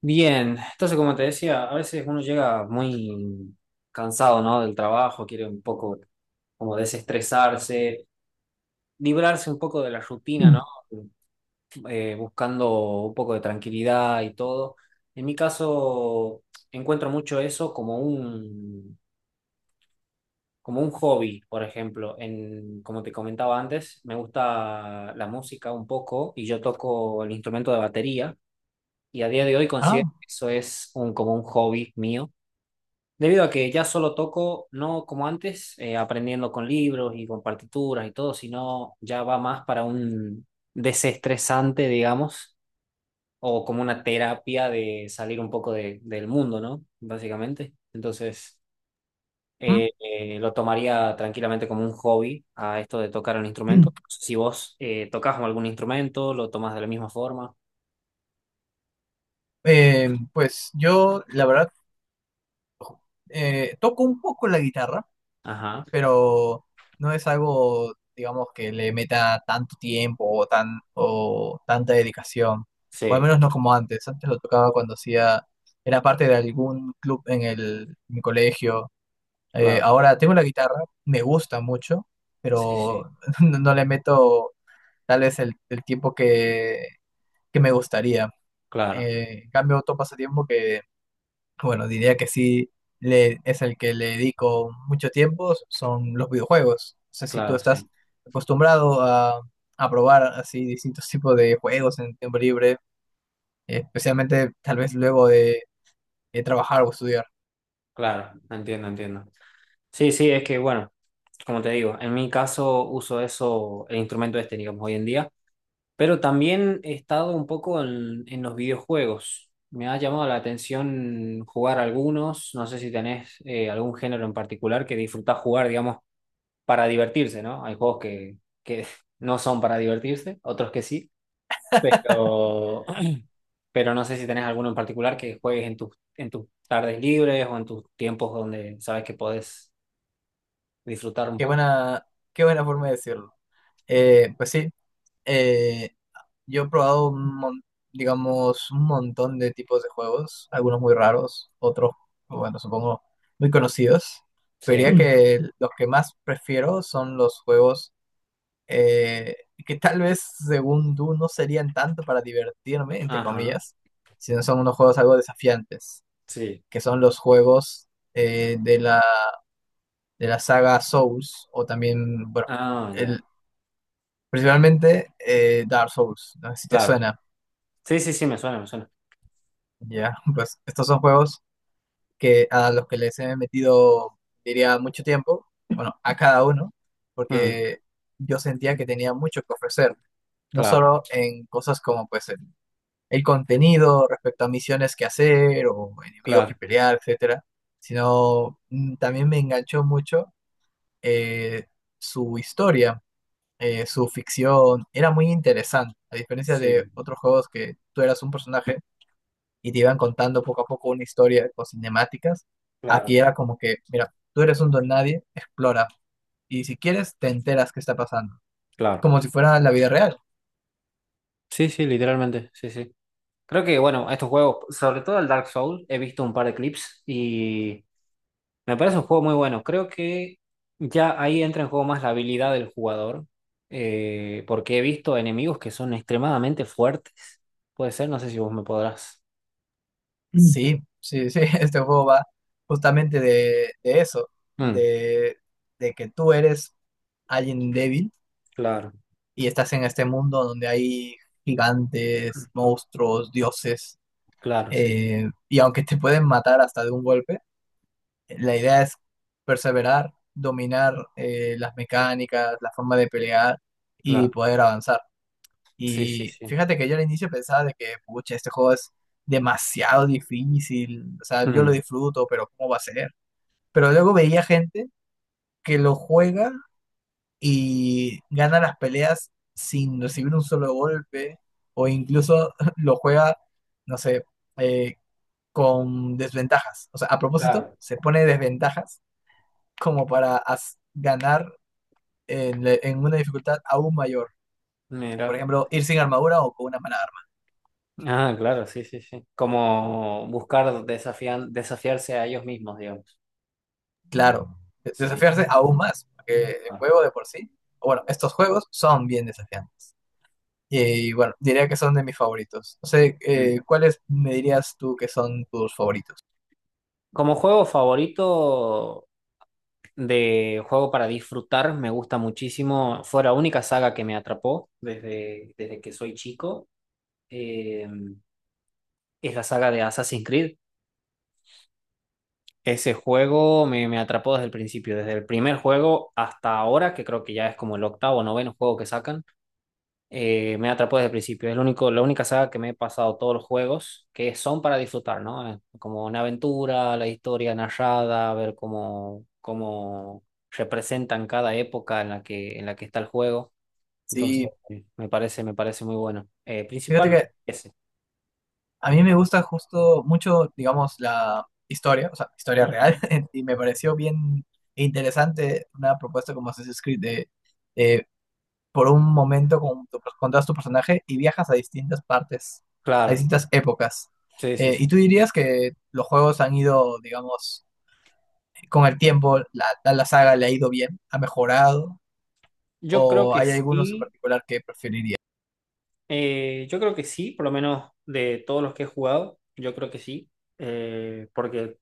Bien, entonces como te decía, a veces uno llega muy cansado, ¿no? Del trabajo, quiere un poco como desestresarse, librarse un poco de la rutina, ¿no? Buscando un poco de tranquilidad y todo. En mi caso, encuentro mucho eso como como un hobby, por ejemplo. Como te comentaba antes, me gusta la música un poco y yo toco el instrumento de batería y a día de hoy considero Ah, que eso es como un hobby mío. Debido a que ya solo toco, no como antes, aprendiendo con libros y con partituras y todo, sino ya va más para un desestresante, digamos, o como una terapia de salir un poco del mundo, ¿no? Básicamente. Entonces, mm, lo tomaría tranquilamente como un hobby a esto de tocar un mm. instrumento. Si vos tocas algún instrumento, lo tomás de la misma forma. Pues yo, la verdad, toco un poco la guitarra, Ajá. pero no es algo, digamos, que le meta tanto tiempo o, o tanta dedicación, o al Sí, menos no como antes. Antes lo tocaba cuando hacía, era parte de algún club en mi colegio. Claro. Ahora tengo la guitarra, me gusta mucho, Sí, sí, pero no, no le meto tal vez el tiempo que me gustaría. claro, En cambio, otro pasatiempo que bueno, diría que sí es el que le dedico mucho tiempo, son los videojuegos. O sea, si tú claro, estás sí, acostumbrado a probar así distintos tipos de juegos en tiempo libre, especialmente tal vez luego de trabajar o estudiar. claro. Entiendo, entiendo. Sí, sí, es que bueno, como te digo, en mi caso uso eso, el instrumento este, digamos, hoy en día, pero también he estado un poco en los videojuegos. Me ha llamado la atención jugar algunos, no sé si tenés algún género en particular que disfrutás jugar, digamos, para divertirse, ¿no? Hay juegos que no son para divertirse, otros que sí, pero, pero no sé si tenés alguno en particular que juegues en en tus tardes libres o en tus tiempos donde sabes que podés disfrutar un Qué poco. buena, qué buena forma de decirlo. Pues sí, eh, Yo he probado digamos, un montón de tipos de juegos, algunos muy raros, otros, bueno, supongo, muy conocidos. Pero diría Sí. Que los que más prefiero son los juegos eh, que tal vez, según tú, no serían tanto para divertirme, entre Ajá, comillas, sino son unos juegos algo desafiantes, sí. que son los juegos de la saga Souls, o también, bueno, Ah, ya, el, principalmente Dark Souls, no sé si te claro. suena. Sí, sí, sí, me suena, me suena. Ya, pues estos son juegos que a los que les he metido, diría, mucho tiempo, bueno, a cada uno, Mm, porque yo sentía que tenía mucho que ofrecer, no claro, solo en cosas como pues el contenido respecto a misiones que hacer o enemigos que claro. pelear, etcétera, sino también me enganchó mucho eh, su historia, su ficción, era muy interesante, a diferencia de Sí, otros juegos que tú eras un personaje y te iban contando poco a poco una historia con cinemáticas. Aquí claro, era como que, mira, tú eres un don nadie, explora. Y si quieres, te enteras qué está pasando. claro. Como si fuera la vida real. Sí, sí, literalmente, sí, sí. Creo que, bueno, estos juegos, sobre todo el Dark Souls, he visto un par de clips y me parece un juego muy bueno. Creo que ya ahí entra en juego más la habilidad del jugador, porque he visto enemigos que son extremadamente fuertes. Puede ser, no sé si vos me podrás. Mm. Sí, sí, sí, este juego va justamente de eso, Mm, de, de que tú eres alguien débil claro, y estás en este mundo donde hay gigantes, monstruos, dioses, claro, sí, sí, y aunque te pueden matar hasta de un golpe, la idea es perseverar, dominar las mecánicas, la forma de pelear y claro. poder avanzar. Sí, sí, Y sí. fíjate que yo al inicio pensaba de que, pucha, este juego es demasiado difícil, o sea, yo lo Mm. disfruto, pero ¿cómo va a ser? Pero luego veía gente que lo juega y gana las peleas sin recibir un solo golpe, o incluso lo juega, no sé, eh, con desventajas. O sea, a propósito, Claro. se pone desventajas como para ganar en una dificultad aún mayor. Por Mira. ejemplo, ir sin armadura o con una mala arma. Ah, claro, sí, sí, sí. Como buscar desafiarse a ellos mismos, digamos. Claro, Sí. desafiarse aún más, porque el Ah. juego de por sí, o bueno, estos juegos son bien desafiantes. Y bueno, diría que son de mis favoritos. No sé, Mm. ¿Cuáles me dirías tú que son tus favoritos? Como juego favorito de juego para disfrutar, me gusta muchísimo. Fue la única saga que me atrapó desde que soy chico. Eh, es la saga de Assassin's Creed. Ese juego me atrapó desde el principio, desde el primer juego hasta ahora, que creo que ya es como el octavo o noveno juego que sacan. Me atrapó desde el principio. Es lo único, la única saga que me he pasado todos los juegos que son para disfrutar, ¿no? Como una aventura, la historia narrada, ver cómo representan cada época en la que está el juego. Entonces, Sí, me parece muy bueno. Fíjate Principalmente que ese. a mí me gusta justo mucho, digamos, la historia, o sea, historia real, Ujú. y me pareció bien interesante una propuesta como Assassin's Creed de eh, por un momento con todo tu personaje y viajas a distintas partes, a Claro, distintas épocas. sí, sí, sí, ¿Y tú sí. dirías que los juegos han ido, digamos, con el tiempo, a la saga le ha ido bien, ha mejorado? Yo creo ¿O que hay algunos en sí, particular que preferiría? Yo creo que sí, por lo menos de todos los que he jugado, yo creo que sí, porque,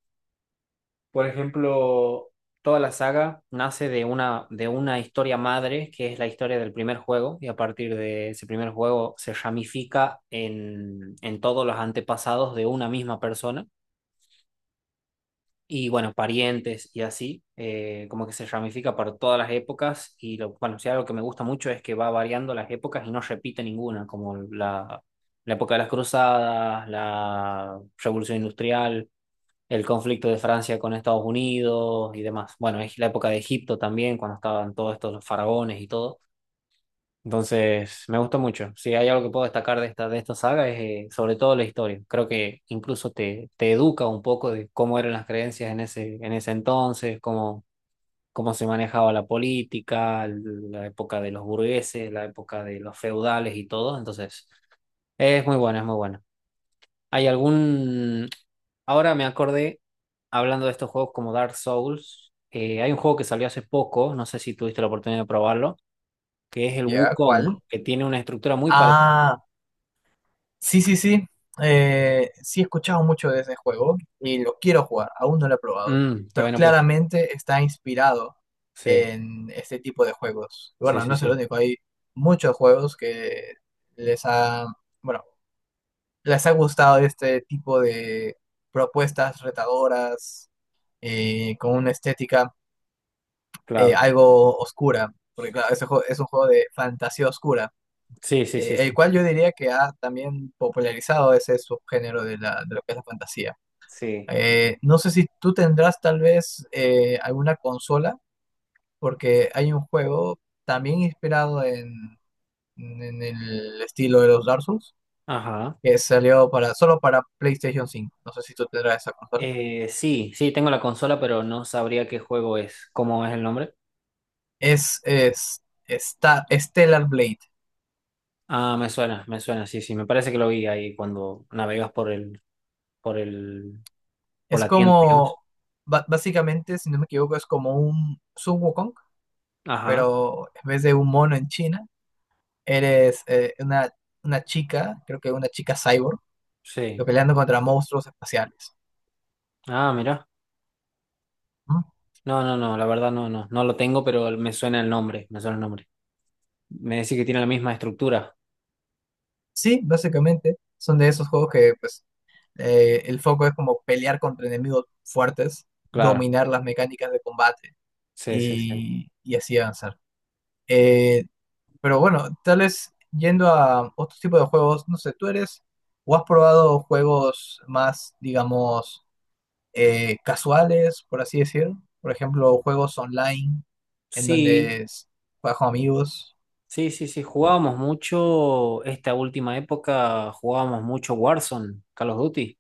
por ejemplo, toda la saga nace de una historia madre, que es la historia del primer juego, y a partir de ese primer juego se ramifica en todos los antepasados de una misma persona, y bueno, parientes y así, como que se ramifica para todas las épocas, y lo, bueno, sí, algo que me gusta mucho es que va variando las épocas y no repite ninguna, como la época de las cruzadas, la revolución industrial, el conflicto de Francia con Estados Unidos y demás. Bueno, es la época de Egipto también, cuando estaban todos estos faraones y todo. Entonces, me gustó mucho. Si hay algo que puedo destacar de esta saga es sobre todo la historia. Creo que incluso te educa un poco de cómo eran las creencias en ese entonces, cómo se manejaba la política, la época de los burgueses, la época de los feudales y todo. Entonces, es muy bueno, es muy bueno. ¿Hay algún... Ahora me acordé, hablando de estos juegos como Dark Souls, hay un juego que salió hace poco, no sé si tuviste la oportunidad de probarlo, que es el ¿Ya? Wukong, ¿Cuál? que tiene una estructura muy parecida. Ah, sí, sí, sí. Sí he escuchado mucho de ese juego y lo quiero jugar, aún no lo he probado, Mm, todavía pero no pudiste. claramente está inspirado Sí, en este tipo de juegos. sí, Bueno, sí, no es el sí, único, hay muchos juegos que les ha, bueno, les ha gustado este tipo de propuestas retadoras con una estética claro. algo oscura, porque claro, es un juego de fantasía oscura Sí, sí, sí, el sí. cual yo diría que ha también popularizado ese subgénero de lo que es la fantasía. Sí. No sé si tú tendrás tal vez alguna consola, porque hay un juego también inspirado en el estilo de los Dark Souls, Ajá. que salió solo para PlayStation 5. No sé si tú tendrás esa consola. Sí, sí, tengo la consola, pero no sabría qué juego es, cómo es el nombre. Es, es, está Stellar Blade. Ah, me suena, sí, sí, me parece que lo vi ahí cuando navegas por por por Es la tienda, digamos. como, básicamente, si no me equivoco, es como un Sun Wukong, Ajá, pero en vez de un mono en China, eres una chica, creo que una chica cyborg, sí. que peleando contra monstruos espaciales. Ah, mira. ¿No? No, no, no, la verdad no, no, no lo tengo, pero me suena el nombre, me suena el nombre. Me decís que tiene la misma estructura. Sí, básicamente son de esos juegos que pues el foco es como pelear contra enemigos fuertes, Claro, dominar las mecánicas de combate sí, sí, sí. y así avanzar. Eh, pero bueno, tal vez yendo a otro tipo de juegos, no sé, tú eres o has probado juegos más, digamos, casuales, por así decir. Por ejemplo, juegos online en Sí, donde juegas con amigos. sí, sí, sí, jugábamos mucho, esta última época jugábamos mucho Warzone, Call of Duty.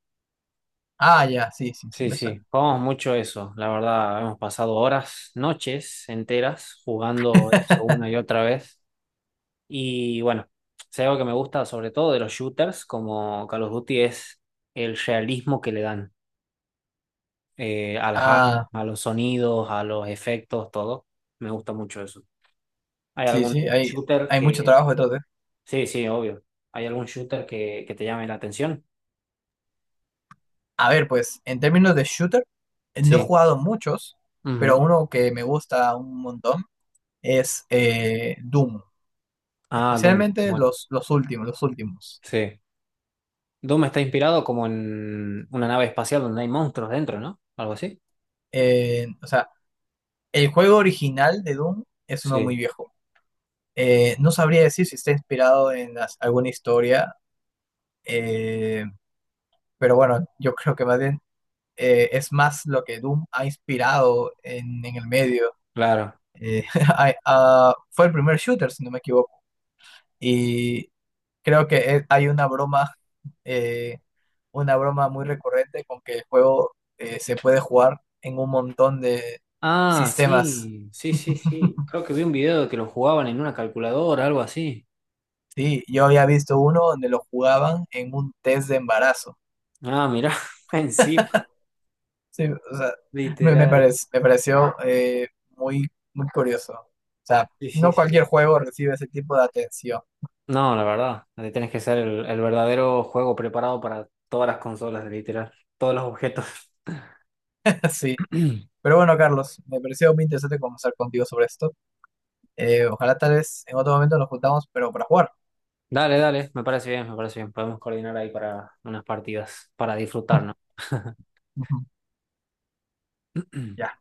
Ah, ya, sí, sí, sí Sí, me suena. sí, jugábamos mucho eso, la verdad, hemos pasado horas, noches enteras jugando eso una y otra vez. Y bueno, si hay algo que me gusta sobre todo de los shooters como Call of Duty es el realismo que le dan a las armas, Ah, a los sonidos, a los efectos, todo. Me gusta mucho eso. ¿Hay sí, algún sí, shooter hay mucho que... trabajo detrás de. Sí, sí, obvio. ¿Hay algún shooter que te llame la atención? A ver, pues, en términos de shooter, no he Sí. jugado muchos, pero Ujú. uno que me gusta un montón es Doom. Ah, Doom. Especialmente Bueno, los últimos, los últimos. sí. Doom está inspirado como en una nave espacial donde hay monstruos dentro, ¿no? Algo así. O sea, el juego original de Doom es uno muy Sí, viejo. No sabría decir si está inspirado en alguna historia. Eh, pero bueno, yo creo que más bien es más lo que Doom ha inspirado en el medio. claro. Eh, ah, fue el primer shooter, si no me equivoco. Y creo que hay eh, una broma muy recurrente con que el juego se puede jugar en un montón de Ah, sistemas. sí, sí, sí, sí. Creo que vi un video de que lo jugaban en una calculadora, algo así. Sí, yo había visto uno donde lo jugaban en un test de embarazo. Ah, mirá, encima, Sí, o sea, literal. Me pareció muy, muy curioso. O sea, Sí, sí, no cualquier sí. juego recibe ese tipo de atención. No, la verdad, ahí tienes que ser el verdadero juego preparado para todas las consolas, literal, todos los objetos. Sí. Pero bueno, Carlos, me pareció muy interesante conversar contigo sobre esto. Ojalá tal vez en otro momento nos juntamos, pero para jugar. Dale, dale, me parece bien, me parece bien. Podemos coordinar ahí para unas partidas, para disfrutar, ¿no? Ya.